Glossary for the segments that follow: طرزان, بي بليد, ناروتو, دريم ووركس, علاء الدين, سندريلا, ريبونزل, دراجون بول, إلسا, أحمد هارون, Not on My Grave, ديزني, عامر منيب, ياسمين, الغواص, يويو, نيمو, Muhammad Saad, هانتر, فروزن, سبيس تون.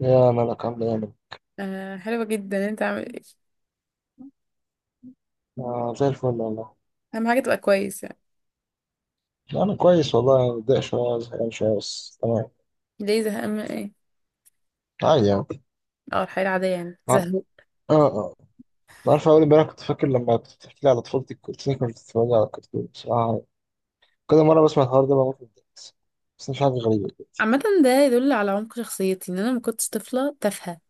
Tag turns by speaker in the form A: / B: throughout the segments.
A: يا ملك عامل ايه يا ملك؟
B: آه، حلوة جدا. انت عامل ايه؟
A: آه زي الفل والله.
B: اهم حاجة تبقى كويس يعني.
A: انا كويس والله، متضايق شويه، زهقان شويه، بس تمام.
B: ليه زهقان؟ من ايه؟
A: عادي يعني.
B: اه، الحياة العادية يعني
A: ع- اه
B: زهق.
A: اه. عارف، اول امبارح كنت فاكر لما كنت بتحكي لي على طفولتك، كنت فاكر كنت بتتفرج على كرتون بصراحه. كل مره بسمع الحوار ده بموت من الضحك، بس. مش حاجه غريبه دلوقتي.
B: عامة، ده يدل على عمق شخصيتي ان انا ما كنتش طفلة تافهة.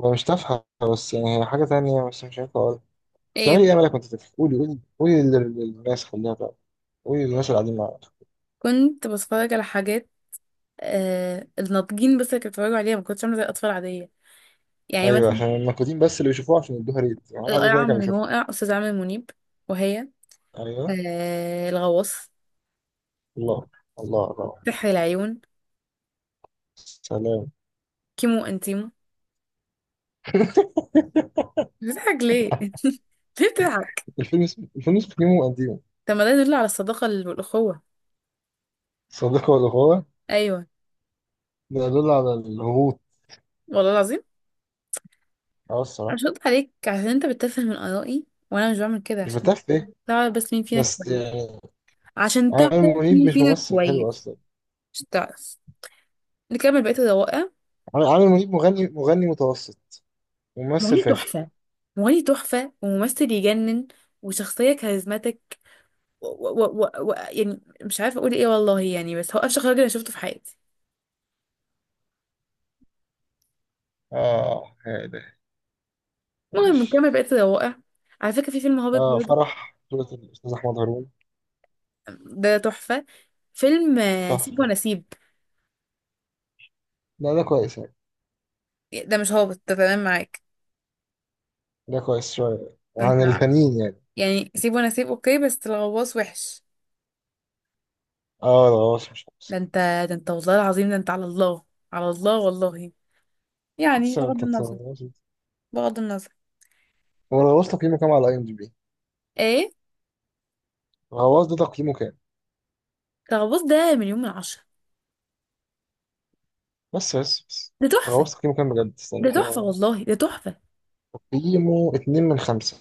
A: هو مش تافهه، بس يعني هي حاجه تانية، بس مش عارف اقولها. بتعملي
B: ايه؟
A: ايه يا ملك وانت طفل؟ قولي قولي قولي للناس خليها تعرف. قولي للناس اللي قاعدين معاك.
B: كنت بتفرج على حاجات الناضجين، بس اللي كانوا بيتفرجوا عليها، ما كنتش عاملة زي الأطفال العادية، يعني
A: ايوه،
B: مثلا.
A: عشان المكودين بس اللي بيشوفوها عشان يدوها، ريت ما حدش حد
B: القرعة
A: تاني كان
B: من
A: بيشوفها.
B: الواقع، أستاذ عامر منيب. وهي
A: ايوه.
B: الغواص،
A: الله. الله الله.
B: سحر العيون،
A: سلام.
B: كيمو انتيمو. بتضحك ليه؟ ليه بتضحك؟
A: الفيلم اسمه نيمو وقديمه.
B: طب ما ده يدل على الصداقة والأخوة.
A: صديقه والغاوة.
B: أيوه.
A: ده يدل على الهبوط.
B: والله العظيم.
A: اه الصراحة.
B: اشوط عليك عشان انت بتتفه من آرائي، وانا مش بعمل كده
A: مش
B: عشان
A: بتعرف ايه.
B: تعرف بس مين فينا
A: بس
B: كويس.
A: يعني
B: عشان تعرف
A: عامر منيب
B: مين
A: مش
B: فينا
A: ممثل
B: كويس،
A: حلو اصلا.
B: مش تعرف. نكمل بقية الروائع.
A: عامر منيب مغني متوسط، وممثل
B: مغني
A: فاشل.
B: تحفة. مغني تحفة وممثل يجنن، وشخصية كاريزماتيك، و يعني مش عارفة اقول ايه، والله يعني، بس هو افشخ راجل انا شفته في حياتي.
A: اه يا إلهي.
B: المهم
A: ماشي.
B: نكمل بقية الروائع. على فكرة في فيلم هابط
A: اه
B: برضه،
A: فرح بطولة الأستاذ أحمد هارون.
B: ده تحفة. فيلم سيب
A: تحفة.
B: ونسيب.
A: لا ده كويس يعني.
B: ده مش هابط، ده تمام معاك.
A: ده كويس شوية
B: ده انت.
A: عن التانيين يعني.
B: يعني سيب وانا سيب، اوكي، بس الغواص وحش.
A: اه الغواص مش
B: ده
A: أحسن.
B: انت. ده انت والله العظيم. ده انت على الله. على الله والله. يعني
A: بس
B: بغض
A: أنت
B: النظر.
A: تتفرج.
B: بغض النظر.
A: هو الغواص تقييمه كام على اي ام دي بي؟
B: ايه؟
A: الغواص ده تقييمه كام؟
B: الغواص ده مليون من 10.
A: بس بس بس.
B: ده تحفة.
A: غوصت تقييمه كام بجد، استنى
B: ده تحفة
A: كده بس.
B: والله، ده تحفة.
A: تقييمه 2/5.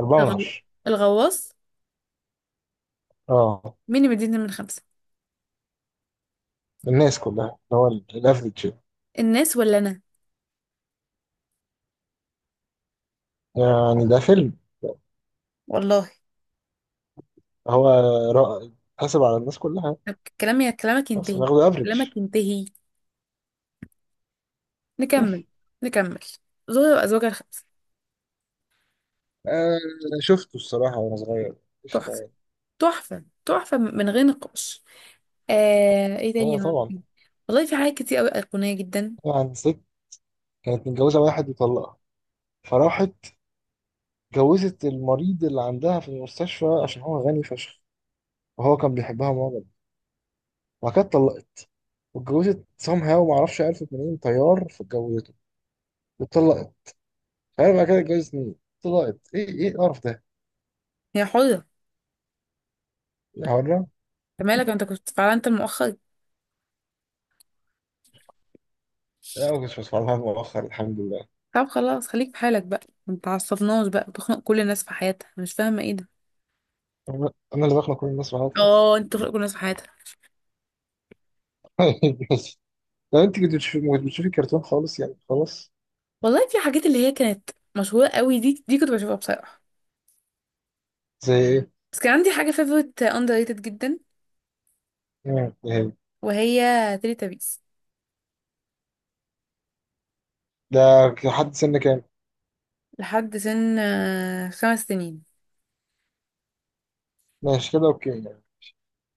A: أربعة من
B: الغو-
A: عشرة
B: الغواص.
A: اه
B: مين اللي مديني من 5؟
A: الناس كلها اللي هو الافريج.
B: الناس ولا انا؟
A: يعني ده فيلم
B: والله.
A: هو رائع. حاسب على الناس كلها.
B: طب كلامي كلامك
A: بس
B: ينتهي.
A: ناخده افريج.
B: كلامك ينتهي. نكمل. نكمل. زوجة وأزواجها الخمسة.
A: آه شفته الصراحة وأنا صغير. قشطة
B: تحفة.
A: يعني.
B: تحفة تحفة من غير نقاش. آه، ايه
A: أيوة
B: تاني عندك؟
A: طبعا.
B: والله في حاجات كتير قوي ايقونيه جدا.
A: طبعا ست كانت متجوزة واحد وطلقها، فراحت جوزت المريض اللي عندها في المستشفى عشان هو غني فشخ، وهو كان بيحبها معجب. وبعد كده اتطلقت، واتجوزت سام هاو، معرفش عرفت منين، طيار فاتجوزته، واتطلقت. مش عارف بعد كده اتجوزت مين، اتطلقت، ايه ايه القرف ده؟
B: هي حره.
A: يا حرام.
B: أنت مالك، انت كنت فعلا انت مؤخر.
A: لا ما كنتش بسمع لها مؤخر الحمد لله.
B: طب خلاص، خليك في حالك بقى. ما تعصبناش بقى، بتخنق كل الناس في حياتها، أنا مش فاهمه ايه ده.
A: انا اللي بخلق كل الناس معاها.
B: اه، انت بتخنق كل الناس في حياتها.
A: بس لو انت كنت بتشوفي ما كنت بتشوفي كرتون خالص يعني خلاص.
B: والله في حاجات اللي هي كانت مشهوره قوي، دي كنت بشوفها بصراحه.
A: زي ايه؟
B: بس كان عندي حاجه فيفورت اندر ريتد جدا،
A: إيه.
B: وهي تيلي تابيس.
A: ده لحد سن كام؟
B: لحد سن 5 سنين.
A: ماشي كده اوكي يعني.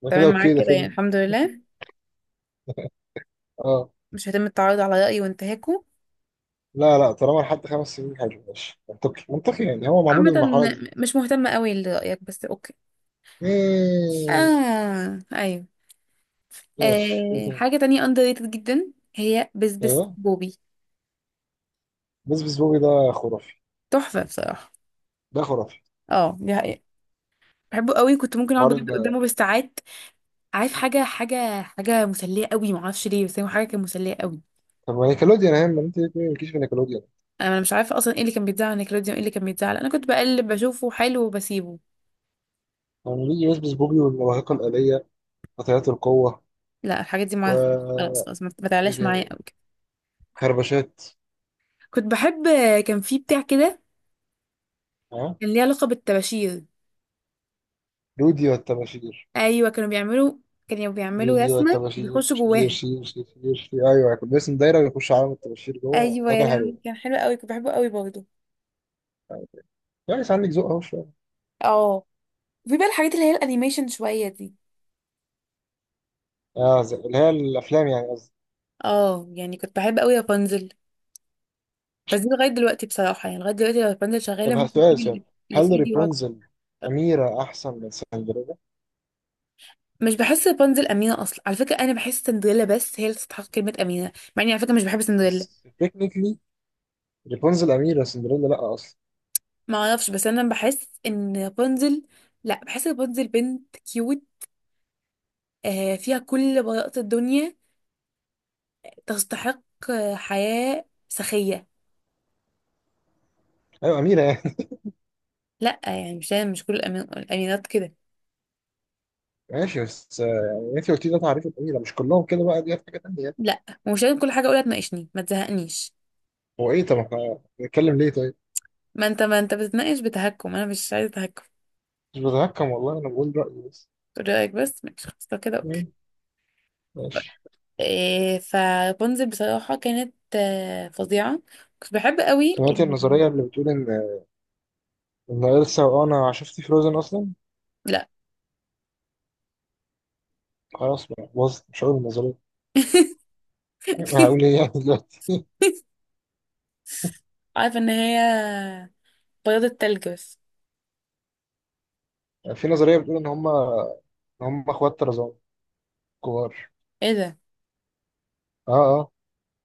A: ده كده
B: تمام معاك
A: اوكي، ده
B: كده يعني،
A: فيلم.
B: الحمد لله.
A: اه.
B: مش هيتم التعرض على رايي وانتهاكه.
A: لا لا، طالما لحد 5 سنين حلو، ماشي، منطقي منطقي يعني، هو معمول
B: عامة،
A: للمرحلة دي.
B: مش مهتمة قوي لرأيك، بس اوكي.
A: مم،
B: اه، ايوه.
A: ماشي، ايه
B: آه،
A: تاني؟
B: حاجة تانية underrated جدا، هي بسبس
A: ايوه.
B: بوبي.
A: بس بس بوبي ده خرافي.
B: تحفة بصراحة.
A: ده خرافي.
B: اه، دي حقيقة. بحبه قوي، كنت ممكن اقعد
A: حوار
B: بجد قدامه بالساعات. عارف، حاجة مسلية قوي، معرفش ليه، بس هو حاجة كانت مسلية قوي.
A: طب ما نيكلوديان اهم، انت ليه مالكيش في نيكلوديان؟
B: انا مش عارفة اصلا ايه اللي كان بيتزعل على نيكلوديون، ايه اللي كان بيتزعل. انا كنت بقلب بشوفه حلو وبسيبه.
A: يعني بيجي بس بس بوبي والمواهقة الآلية، قطيعات القوة،
B: لا، الحاجات دي معايا.
A: و...
B: خلاص خلاص، ما
A: ايه
B: تعلاش معايا
A: تاني؟
B: قوي كده.
A: خربشات.
B: كنت بحب، كان في بتاع كده
A: ها.
B: كان ليه علاقة بالطباشير.
A: رودي والتباشير.
B: ايوه، كانوا بيعملوا
A: رودي
B: رسمة
A: والتباشير،
B: بيخشوا
A: شير
B: جواها.
A: شير شير شير شير، ايوه كان باسم دايره ويخش عالم الطباشير جوه،
B: ايوه
A: ده
B: يا
A: كان
B: لهوي،
A: حلو.
B: كان حلو قوي، كنت بحبه قوي برضه.
A: يعني عندك ذوق اهو شويه.
B: اه. وفي بقى الحاجات اللي هي الانيميشن شويه دي.
A: اه، اللي هي الافلام يعني قصدي.
B: اه، يعني كنت بحب قوي رابنزل. بس دي لغايه دلوقتي بصراحه يعني، لغايه دلوقتي لو رابنزل شغاله
A: طب
B: ممكن
A: سؤال،
B: تجيب
A: سؤال.
B: اللي في
A: هل
B: ايدي وراك.
A: ريبونزل اميره احسن من سندريلا؟
B: مش بحس رابنزل امينه اصلا، على فكره انا بحس سندريلا بس هي اللي تستحق كلمه امينه، مع اني على فكره مش بحب سندريلا.
A: تكنيكلي ريبونزل اميره، سندريلا لا اصلا.
B: ما اعرفش، بس انا بحس ان رابنزل، لا، بحس رابنزل بنت كيوت. آه، فيها كل براءه الدنيا، تستحق حياه سخيه.
A: ايوه اميره يعني.
B: لا، يعني مش كل الامينات كده.
A: ماشي، بس يعني انت قلت لي ده تعريف الاميره، مش كلهم كده بقى، دي حاجه تانيه يعني.
B: لا، ومش لازم كل حاجه اقولها تناقشني، ما تزهقنيش.
A: هو ايه، طب احنا بنتكلم ليه طيب؟
B: ما انت بتتناقش بتهكم، انا مش عايزه تهكم.
A: مش بتهكم والله، انا بقول رايي بس.
B: تقول رايك بس، ماشي خلاص، لو كده
A: مم،
B: اوكي.
A: ماشي.
B: إيه؟ فبونزل بصراحه كانت فظيعه. كنت بحب قوي
A: سمعت النظريه اللي بتقول ان إلسا، وانا شفت فروزن اصلا.
B: لا.
A: خلاص بقى باظت، مش هقول النظريه. هقول ايه يعني دلوقتي؟
B: عارفه ان هي بياض التلج بس.
A: في نظريه بتقول ان هم اخوات طرزان كبار.
B: ايه ده؟
A: اه اه.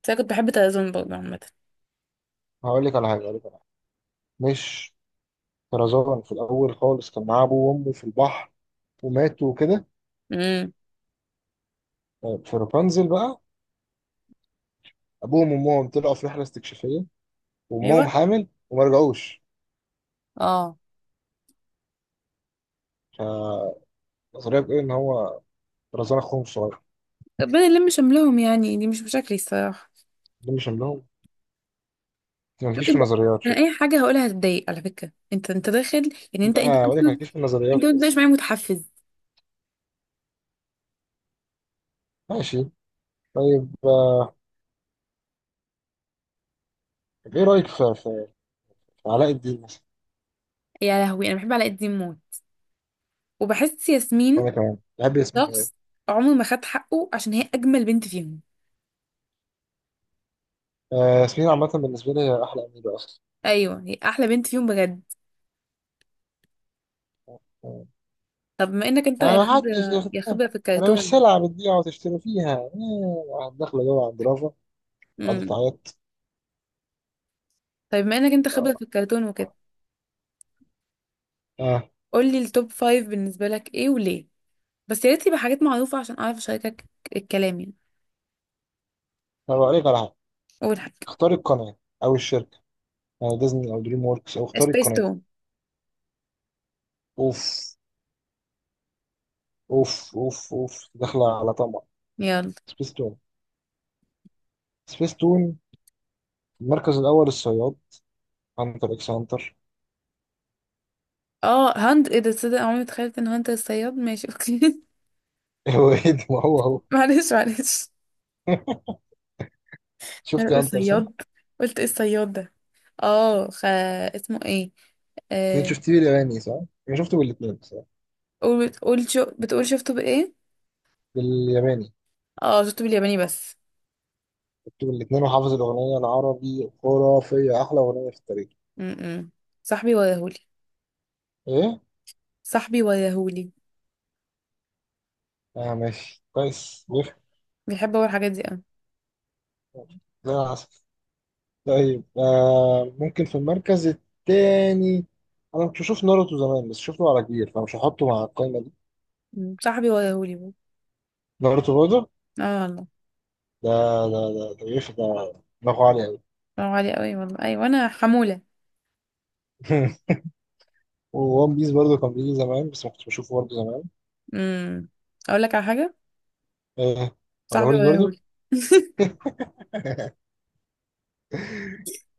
B: بس انا كنت بحب تلازون برضه عامه.
A: هقول لك على حاجه. مش طرزان في الاول خالص كان معاه ابوه وامه في البحر، وماتوا وكده.
B: امم،
A: في رابنزل بقى، ابوهم وامهم طلعوا في رحله استكشافيه، وامهم
B: ايوه.
A: حامل وما رجعوش.
B: اه.
A: فالنظريه بتقول ان هو رزان اخوهم الصغير.
B: ربنا يلم شملهم يعني، دي مش مشاكلي الصراحه.
A: ده مش لهم. ما
B: شوف
A: تجيش في
B: انت،
A: النظريات
B: انا
A: شكل.
B: اي حاجه هقولها هتضايق على فكره، انت داخل يعني، انت
A: لا وليك ما
B: اصلا.
A: تجيش في النظريات
B: انت ما تبقاش
A: بس.
B: معايا متحفز.
A: ماشي، طيب طب ايه رايك في علاء الدين مثلا؟
B: يا لهوي، انا بحب علاء الدين موت، وبحس ياسمين
A: انا كمان بحب ياسمين أوي.
B: شخص عمره ما خد حقه، عشان هي اجمل بنت فيهم.
A: ياسمين عامه بالنسبه لي هي احلى اميره اصلا.
B: ايوه، هي احلى بنت فيهم بجد. طب ما انك انت يا
A: محدش
B: خبره يا
A: ياخدها.
B: خبره في
A: انا مش
B: الكرتون.
A: سلعه بتبيع وتشتري فيها. واحد داخله جوه عند رافا، قاعده
B: امم.
A: تعيط.
B: طيب ما انك انت خبره في
A: اه.
B: الكرتون وكده،
A: آه،
B: قول لي التوب فايف بالنسبه لك ايه وليه. بس يا ريت يبقى حاجات معروفه عشان اعرف اشاركك الكلام يعني.
A: طب اوريك على حاجه.
B: اول حاجه،
A: اختاري القناه او الشركه. ديزني او دريم ووركس، او اختاري
B: سبيس
A: القناه.
B: تون.
A: اوف اوف اوف اوف داخله على طمع.
B: يلا.
A: سبيس تون. سبيس تون، المركز الاول الصياد، هانتر اكس هانتر.
B: اه، هند، ايه ده؟ تصدق عمري ما تخيلت ان هند الصياد. ماشي اوكي.
A: هو ايه ده؟ ما هو هو.
B: معلش معلش. انا
A: شفتي
B: بقول
A: هانتر صح؟
B: صياد. قلت ايه الصياد ده؟ اه، اسمه ايه؟
A: انت
B: آه...
A: شفتيه بالياباني صح؟ انا شفته بالاثنين صح؟
B: بتقول شفته بايه؟
A: بالياباني
B: اه، شفته بالياباني بس.
A: شفته بالاثنين، وحافظ الاغنيه العربي خرافيه، احلى اغنيه في التاريخ.
B: م-م. صاحبي وياهولي.
A: ايه؟
B: صاحبي وياهولي.
A: اه ماشي كويس بيفهم.
B: بيحب هو الحاجات دي اوي.
A: زي العسل. طيب ممكن في المركز التاني. انا كنت بشوف ناروتو زمان، بس شفته على كبير فمش هحطه مع القائمه دي.
B: م. صاحبي وياهولي. بو.
A: ناروتو برضه.
B: اه، والله.
A: ده ده دماغه عالي قوي.
B: برافو عليه قوي والله. ايوه، انا حمولة.
A: وون بيس برضه كان بيجي زمان، بس ما كنتش بشوفه برضه زمان.
B: امم اقول لك على حاجة.
A: ايه؟
B: صاحبي
A: ولا برضه
B: وياهولي.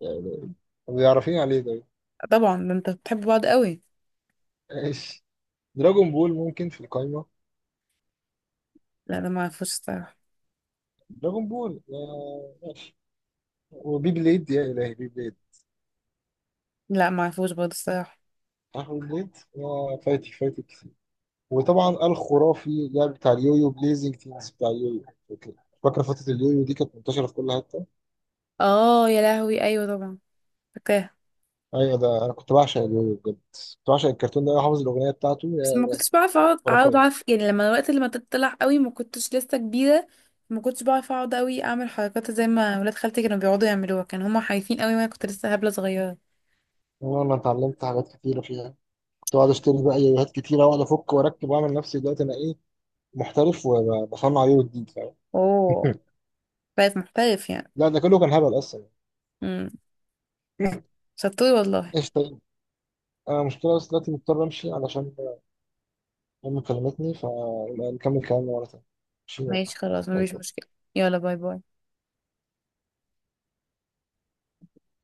A: يعني، بيعرفين عليه ده.
B: طبعا، ده انت بتحب بعض قوي.
A: ماشي. دراجون بول ممكن في القائمه.
B: لا، ده ما اعرفوش الصراحة.
A: دراجون بول ماشي. وبي بليد، يا الهي بي بليد.
B: لا، معرفوش برضه الصراحة.
A: عارف بي بليد، يا فايتك فايتك. وطبعا الخرافي لعب بتاع اليويو، بليزنج تيمز بتاع اليويو، فاكر؟ فاكر فترة اليويو دي كانت منتشرة في كل حتة.
B: اه يا لهوي، ايوه طبعا، فاكراها.
A: ايوه، ده انا كنت بعشق اليويو بجد. كنت بعشق الكرتون ده، أنا حافظ الاغنية بتاعته
B: بس ما
A: هي
B: كنتش بعرف اقعد
A: خرافية.
B: اعرف يعني، لما تطلع قوي ما كنتش لسه كبيرة. ما كنتش بعرف اقعد قوي اعمل حركات زي ما ولاد خالتي كانوا بيقعدوا يعملوها، كانوا هما خايفين قوي، وانا كنت لسه هبلة صغيرة.
A: انا اتعلمت حاجات كتيرة فيها. كنت بقعد اشتري بقى يويوهات كتيرة واقعد افك واركب واعمل نفسي دلوقتي انا ايه، محترف، وبصنع يويو جديد، فاهم.
B: اوه. بقيت محترف يعني.
A: لا ده كله كان هبل اصلا.
B: امم شطور والله.
A: ايش طيب. انا مشكلة بس دلوقتي مضطر امشي علشان امي كلمتني، فنكمل كلامنا مرة تانية. ماشي يلا.
B: ماشي خلاص،
A: باي
B: مفيش
A: باي.
B: مشكلة. يلا باي باي.